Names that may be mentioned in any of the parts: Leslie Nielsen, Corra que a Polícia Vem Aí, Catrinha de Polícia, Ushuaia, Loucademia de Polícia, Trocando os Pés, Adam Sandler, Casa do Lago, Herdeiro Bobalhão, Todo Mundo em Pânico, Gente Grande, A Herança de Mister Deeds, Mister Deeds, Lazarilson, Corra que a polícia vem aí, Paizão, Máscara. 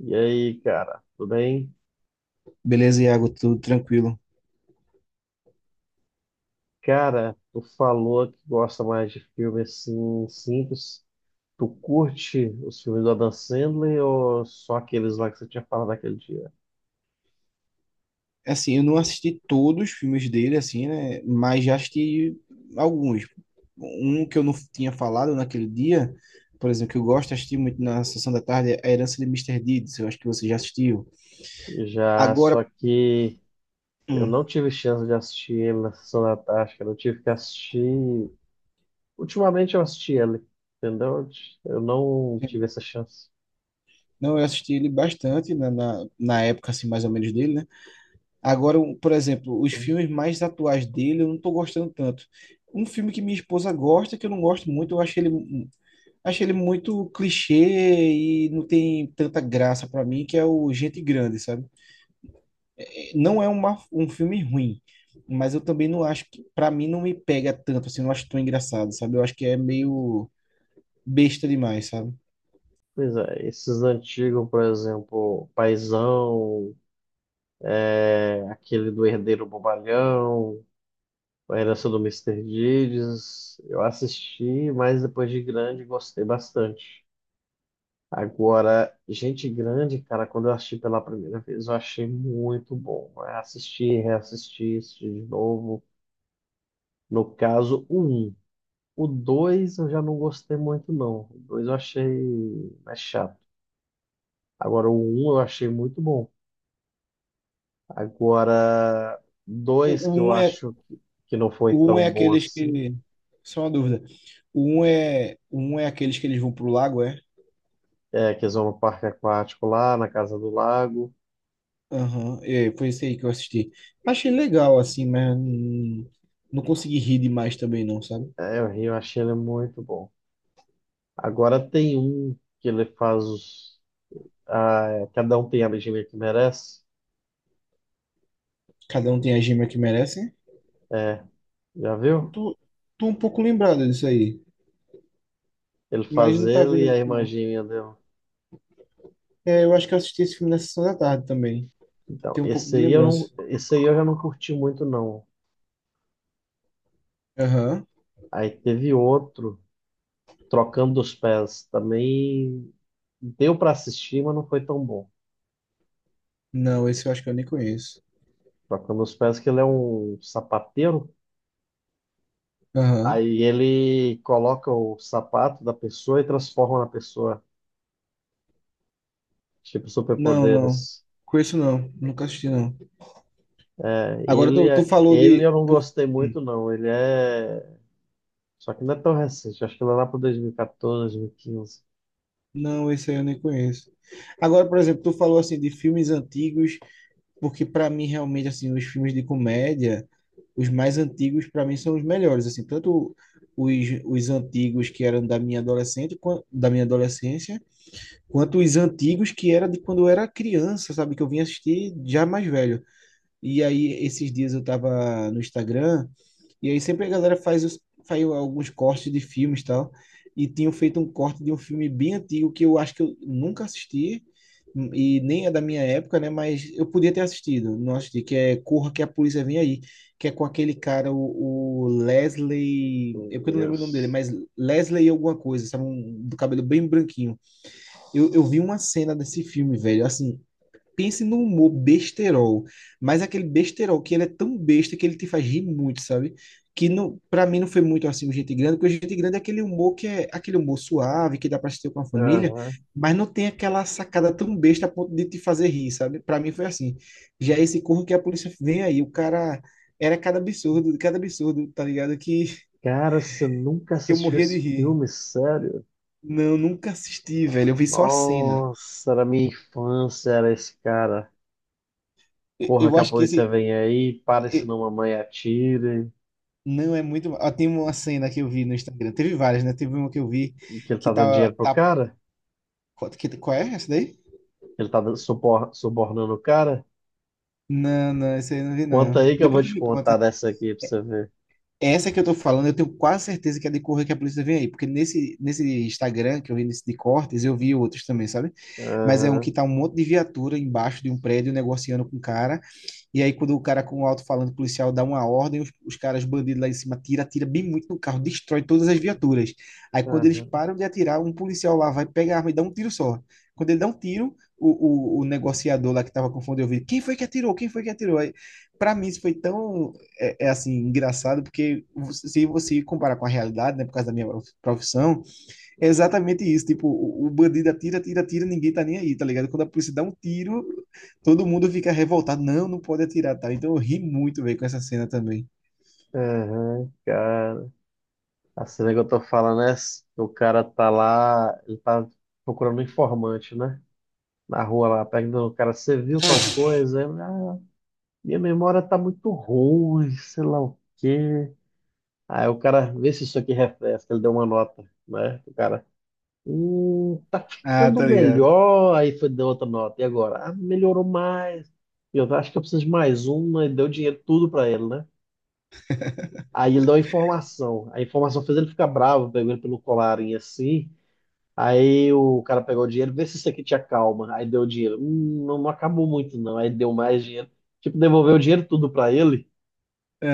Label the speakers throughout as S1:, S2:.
S1: E aí, cara, tudo bem?
S2: Beleza, Iago, tudo tranquilo.
S1: Cara, tu falou que gosta mais de filme assim simples. Tu curte os filmes do Adam Sandler ou só aqueles lá que você tinha falado naquele dia?
S2: Assim, eu não assisti todos os filmes dele, assim, né? Mas já assisti alguns. Um que eu não tinha falado naquele dia, por exemplo, que eu gosto de assistir muito na sessão da tarde, é A Herança de Mister Deeds. Eu acho que você já assistiu.
S1: Já,
S2: Agora,
S1: só que eu
S2: hum,
S1: não tive chance de assistir ele na sessão da tarde, cara. Eu tive que assistir. Ultimamente eu assisti ele, entendeu? Eu não tive essa chance.
S2: não, eu assisti ele bastante na época, assim, mais ou menos dele, né? Agora, por exemplo, os filmes mais atuais dele eu não tô gostando tanto. Um filme que minha esposa gosta, que eu não gosto muito, eu acho ele. Achei ele muito clichê e não tem tanta graça pra mim, que é o Gente Grande, sabe? Não é um filme ruim, mas eu também não acho que, pra mim, não me pega tanto, assim, não acho tão engraçado, sabe? Eu acho que é meio besta demais, sabe?
S1: Pois é, esses antigos, por exemplo, Paizão, é, aquele do Herdeiro Bobalhão, A Herança do Mister Deeds. Eu assisti, mas depois de grande gostei bastante. Agora, Gente Grande, cara, quando eu assisti pela primeira vez, eu achei muito bom, né? Assisti, reassisti, assisti de novo. No caso, o um. O dois eu já não gostei muito, não. O dois eu achei mais chato. Agora, o um eu achei muito bom. Agora, dois
S2: O, o
S1: que eu
S2: um é,
S1: acho que não foi
S2: o um é
S1: tão bom
S2: aqueles
S1: assim.
S2: que. Só uma dúvida. O um é aqueles que eles vão pro lago, é?
S1: É, que eles vão no parque aquático lá, na Casa do Lago.
S2: Aham, é, foi esse aí que eu assisti. Achei legal, assim, mas não consegui rir demais também, não, sabe?
S1: É, o Rio, eu achei ele muito bom. Agora tem um que ele faz os. Ah, é, cada um tem a legenda que merece.
S2: Cada um tem a gema que merece.
S1: É, já
S2: Eu
S1: viu?
S2: tô, tô um pouco lembrado disso aí,
S1: Ele
S2: mas
S1: faz
S2: não tá
S1: ele e a
S2: vindo,
S1: irmã
S2: não.
S1: dele.
S2: É, eu acho que eu assisti esse filme na sessão da tarde também.
S1: Então,
S2: Tem um pouco de lembrança.
S1: esse aí eu já não curti muito, não.
S2: Aham.
S1: Aí teve outro, Trocando os Pés. Também deu para assistir, mas não foi tão bom.
S2: Não, esse eu acho que eu nem conheço.
S1: Trocando os Pés, que ele é um sapateiro.
S2: Aham.
S1: Aí ele coloca o sapato da pessoa e transforma na pessoa. Tipo,
S2: Não, não.
S1: superpoderes.
S2: Conheço não. Nunca assisti não.
S1: É,
S2: Agora tu falou
S1: Ele eu não gostei
S2: Hum.
S1: muito, não. Ele é. Só que não é tão recente. Acho que ele é lá para 2014, 2015.
S2: Não, esse aí eu nem conheço. Agora, por exemplo, tu falou assim de filmes antigos porque para mim realmente assim, os filmes de comédia, os mais antigos para mim são os melhores, assim, tanto os, os antigos que eram da minha adolescente, da minha adolescência, quanto os antigos que era de quando eu era criança, sabe, que eu vim assistir já mais velho. E aí esses dias eu tava no Instagram e aí sempre a galera faz alguns cortes de filmes e tal. E tinham feito um corte de um filme bem antigo que eu acho que eu nunca assisti e nem é da minha época, né? Mas eu podia ter assistido, não assisti, que é Corra que a Polícia Vem Aí, que é com aquele cara, o Leslie,
S1: Meu
S2: eu porque eu não lembro o nome dele,
S1: Deus.
S2: mas Leslie alguma coisa, sabe? Do cabelo bem branquinho. Eu vi uma cena desse filme, velho, assim, pense no humor besterol, mas aquele besterol que ele é tão besta que ele te faz rir muito, sabe? Que não, para mim não foi muito assim o Gente Grande, porque o Gente Grande é aquele humor que é aquele humor suave, que dá para assistir com a família,
S1: Aham.
S2: mas não tem aquela sacada tão besta a ponto de te fazer rir, sabe? Para mim foi assim. Já esse corro que a polícia vem aí, o cara era cada absurdo, tá ligado?
S1: Cara, você nunca
S2: Que eu
S1: assistiu
S2: morria de
S1: esse
S2: rir.
S1: filme, sério?
S2: Não, nunca assisti, velho. Eu vi só a cena.
S1: Nossa, era minha infância, era esse cara.
S2: Eu
S1: Corra
S2: eu
S1: que a
S2: acho que
S1: polícia
S2: esse,
S1: vem aí, pare senão mamãe atire.
S2: Não é muito. Ó, tem uma cena que eu vi no Instagram. Teve várias, né? Teve uma que eu vi
S1: Que ele
S2: que
S1: tá dando
S2: tá.
S1: dinheiro pro
S2: tá...
S1: cara?
S2: Qual qual é essa daí?
S1: Ele tá subornando o cara?
S2: Não, não, essa aí eu não vi,
S1: Conta
S2: não.
S1: aí que eu vou
S2: Depois tu
S1: te
S2: me
S1: contar
S2: conta.
S1: dessa aqui pra você ver.
S2: Essa que eu tô falando, eu tenho quase certeza que é de correr que a polícia vem aí. Porque nesse Instagram que eu vi nesse de cortes, eu vi outros também, sabe? Mas é um
S1: Aham,
S2: que tá um monte de viatura embaixo de um prédio negociando com o cara. E aí, quando o cara com o alto-falante policial dá uma ordem, os caras bandidos lá em cima tira, atira bem muito no carro, destrói todas as viaturas. Aí, quando eles
S1: aham,
S2: param de atirar, um policial lá vai pegar a arma e dá um tiro só. Quando ele dá um tiro, o negociador lá que estava confundindo o ouvido quem foi que atirou? Quem foi que atirou? Aí, pra mim, isso foi tão, é assim, engraçado, porque se você comparar com a realidade, né, por causa da minha profissão, é exatamente isso. Tipo, o bandido atira, atira, atira, ninguém tá nem aí, tá ligado? Quando a polícia dá um tiro, todo mundo fica revoltado. Não, não pode atirar, tá? Então eu ri muito, velho, com essa cena também.
S1: aham, cara. A cena que eu tô falando é essa, que o cara tá lá, ele tá procurando um informante, né? Na rua lá, perguntando, o cara, você viu tal coisa? Aí ele, ah, minha memória tá muito ruim, sei lá o quê. Aí o cara, vê se isso aqui refresca, ele deu uma nota, né? O cara. Tá
S2: Ah,
S1: ficando
S2: tá ligado.
S1: melhor. Aí foi deu outra nota. E agora? Ah, melhorou mais. Eu acho que eu preciso de mais uma. E deu dinheiro tudo pra ele, né? Aí ele deu a informação. A informação fez ele ficar bravo, pegou ele pelo colarinho assim. Aí o cara pegou o dinheiro, vê se isso aqui te acalma. Aí deu o dinheiro. Não, não acabou muito, não. Aí deu mais dinheiro. Tipo, devolveu o dinheiro tudo pra ele.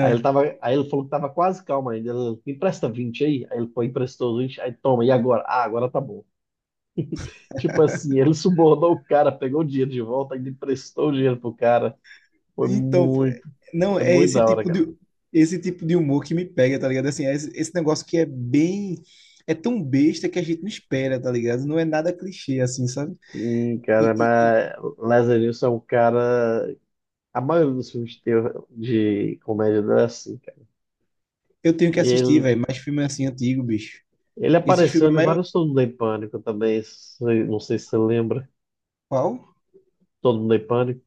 S1: Aí ele falou que tava quase calmo ainda. Ele, me empresta 20 aí. Aí ele foi, emprestou os 20. Aí toma, e agora? Ah, agora tá bom. Tipo assim, ele subornou o cara, pegou o dinheiro de volta, ainda emprestou o dinheiro pro cara. Foi
S2: Então, pô,
S1: muito,
S2: não,
S1: é
S2: é
S1: muito da hora, cara.
S2: esse tipo de humor que me pega, tá ligado? Assim, esse negócio que é bem. É tão besta que a gente não espera, tá ligado? Não é nada clichê, assim, sabe?
S1: Sim, cara,
S2: E
S1: mas Lazarilson é um cara. A maioria dos filmes de comédia dele é assim, cara.
S2: eu tenho que
S1: E
S2: assistir,
S1: Ele,
S2: velho, mais filme assim antigo, bicho.
S1: ele
S2: Esses
S1: apareceu
S2: filmes é
S1: em
S2: maior.
S1: vários Todo Mundo em Pânico também. Não sei se você lembra.
S2: Qual?
S1: Todo Mundo em Pânico.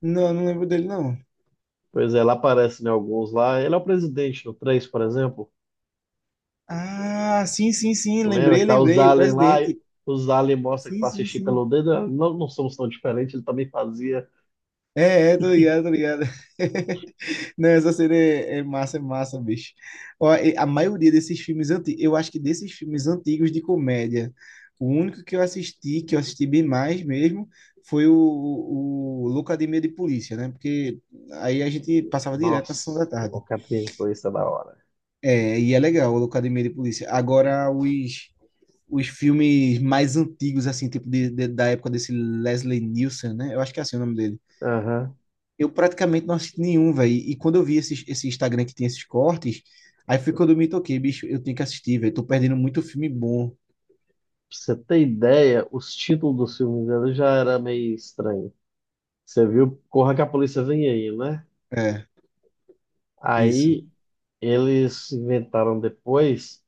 S2: Não, eu não lembro dele, não.
S1: Pois é, ele aparece em alguns lá. Ele é o presidente no três, por exemplo.
S2: Ah, sim, sim, sim,
S1: Lembra
S2: lembrei,
S1: que tá os
S2: lembrei, o
S1: aliens lá, e
S2: presidente.
S1: os aliens mostram que
S2: Sim,
S1: pra
S2: sim,
S1: assistir pelo
S2: sim.
S1: dedo, ah, não, não somos tão diferentes, ele também fazia.
S2: É, é, tô ligado, tô ligado. Não, essa cena é, é massa, bicho. Ó, e a maioria desses filmes antigos, eu acho que desses filmes antigos de comédia, o único que eu assisti bem mais mesmo, foi o Loucademia de Polícia, né? Porque aí a gente passava direto na sessão
S1: Nossa,
S2: da
S1: o
S2: tarde.
S1: Catrinha de Polícia é da hora.
S2: É, e é legal o Loucademia de Polícia. Agora, os filmes mais antigos, assim, tipo da época desse Leslie Nielsen, né? Eu acho que é assim o nome dele.
S1: Aham.
S2: Eu praticamente não assisti nenhum, velho. E quando eu vi esse Instagram que tem esses cortes, aí foi quando eu me toquei, bicho, eu tenho que assistir, velho. Tô perdendo muito filme bom.
S1: Pra você ter ideia, os títulos dos filmes dele já era meio estranho. Você viu Corra que a Polícia Vem Aí, né?
S2: É, isso.
S1: Aí eles inventaram depois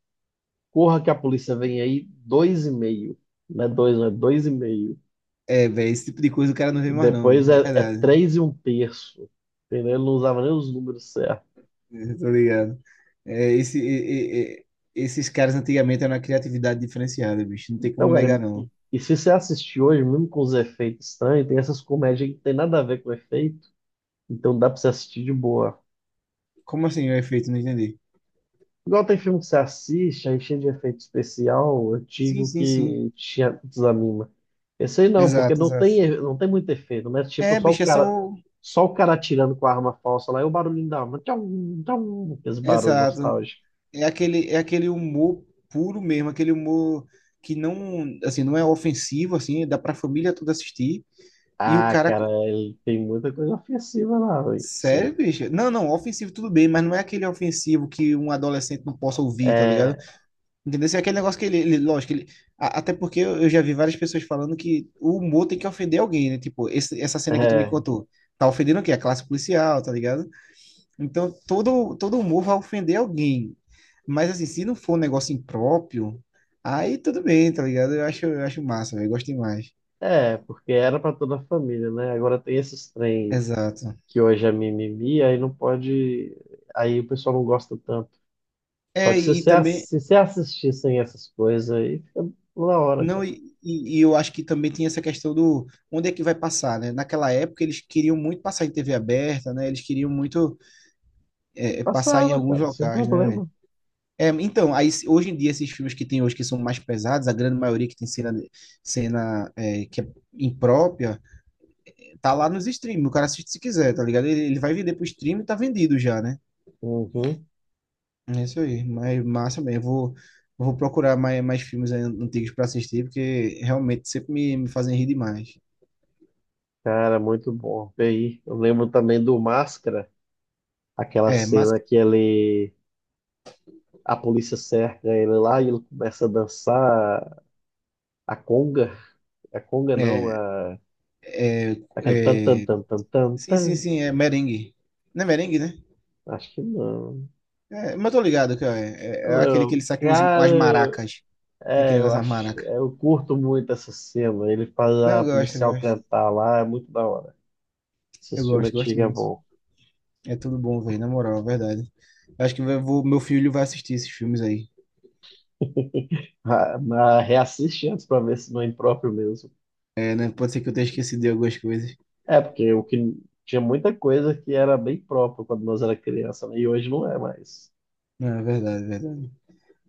S1: Corra que a Polícia Vem Aí dois e meio. Não é dois, não é dois e meio.
S2: É, velho, esse tipo de coisa o cara não vê mais, não.
S1: Depois é,
S2: É
S1: é
S2: verdade.
S1: três e um terço. Entendeu? Ele não usava nem os números certos.
S2: É, tô ligado. É, esse, e- e- e- Esses caras antigamente eram uma criatividade diferenciada, bicho. Não tem
S1: Então,
S2: como negar,
S1: cara, e,
S2: não.
S1: e se você assistir hoje, mesmo com os efeitos estranhos, tem essas comédias que não tem nada a ver com o efeito, então dá pra você assistir de boa.
S2: Como assim o efeito? Não entendi.
S1: Igual tem filme que você assiste, aí cheio de efeito especial,
S2: Sim,
S1: antigo,
S2: sim, sim.
S1: que te desanima. Esse aí não, porque
S2: Exato, exato.
S1: não tem muito efeito, né? Tipo,
S2: É, bicho, é só. o-
S1: só o cara atirando com a arma falsa lá e o barulhinho da arma. Tchau, tchau, esse barulho
S2: Exato.
S1: nostálgico.
S2: É aquele humor puro mesmo, aquele humor que não, assim, não é ofensivo, assim, dá pra família toda assistir. E o
S1: Ah,
S2: cara,
S1: cara, ele tem muita coisa ofensiva lá, velho. Sim.
S2: sério, bicho? Não, não, ofensivo tudo bem, mas não é aquele ofensivo que um adolescente não possa ouvir, tá ligado?
S1: É,
S2: Entendeu? Assim, é aquele negócio que lógico, ele, até porque eu já vi várias pessoas falando que o humor tem que ofender alguém, né? Tipo, essa cena que tu me
S1: é.
S2: contou, tá ofendendo o quê? A classe policial, tá ligado? Então, todo humor vai ofender alguém. Mas, assim, se não for um negócio impróprio, aí tudo bem, tá ligado? Eu acho massa, velho, eu gosto demais.
S1: É, porque era para toda a família, né? Agora tem esses trem
S2: Exato.
S1: que hoje é mimimi, aí não pode. Aí o pessoal não gosta tanto. Só
S2: É,
S1: que se
S2: e
S1: você,
S2: também,
S1: se você assistissem essas coisas aí, fica na hora,
S2: não,
S1: cara.
S2: e eu acho que também tem essa questão do onde é que vai passar, né? Naquela época eles queriam muito passar em TV aberta, né? Eles queriam muito
S1: E
S2: passar em
S1: passava,
S2: alguns
S1: cara, sem
S2: locais, né, velho?
S1: problema.
S2: É, então, aí, hoje em dia esses filmes que tem hoje que são mais pesados, a grande maioria que tem cena que é imprópria, tá lá nos streams, o cara assiste se quiser, tá ligado? Ele vai vender pro stream e tá vendido já, né?
S1: Uhum.
S2: É isso aí. Mas massa mesmo. Eu vou procurar mais, mais filmes aí antigos pra assistir, porque realmente sempre me fazem rir demais.
S1: Cara, muito bom. E aí, eu lembro também do Máscara, aquela
S2: É, mas.
S1: cena que ele. A polícia cerca ele lá e ele começa a dançar a conga. A conga não,
S2: É,
S1: a.
S2: é,
S1: Aquele tan tan
S2: é,
S1: tan tan tan
S2: sim,
S1: tan.
S2: sim, sim, é merengue. Não é merengue, né?
S1: Acho que não.
S2: É, mas eu tô ligado que ó, é é aquele que ele
S1: Não,
S2: sai com as
S1: cara,
S2: maracas. Tem aquele negócio das maracas.
S1: é, eu curto muito essa cena. Ele faz
S2: Não,
S1: a
S2: eu gosto, eu
S1: policial
S2: gosto.
S1: cantar lá, é muito da hora.
S2: Eu
S1: Esses filmes
S2: gosto, gosto
S1: antigos é
S2: muito.
S1: bom.
S2: É tudo bom, velho, na moral, é verdade. Eu Acho que eu vou, meu filho vai assistir esses filmes aí.
S1: Ah, mas reassiste antes pra ver se não é impróprio mesmo.
S2: É, né? Pode ser que eu tenha esquecido de algumas coisas.
S1: É, porque o que tinha muita coisa que era bem próprio quando nós era criança, né? E hoje não é mais.
S2: Não, é verdade, é verdade.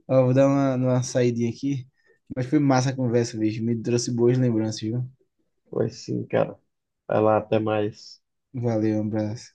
S2: Ó, vou dar uma saidinha aqui. Mas foi massa a conversa, bicho. Me trouxe boas lembranças, viu?
S1: Pois sim, cara. Vai lá, até mais.
S2: Valeu, um abraço.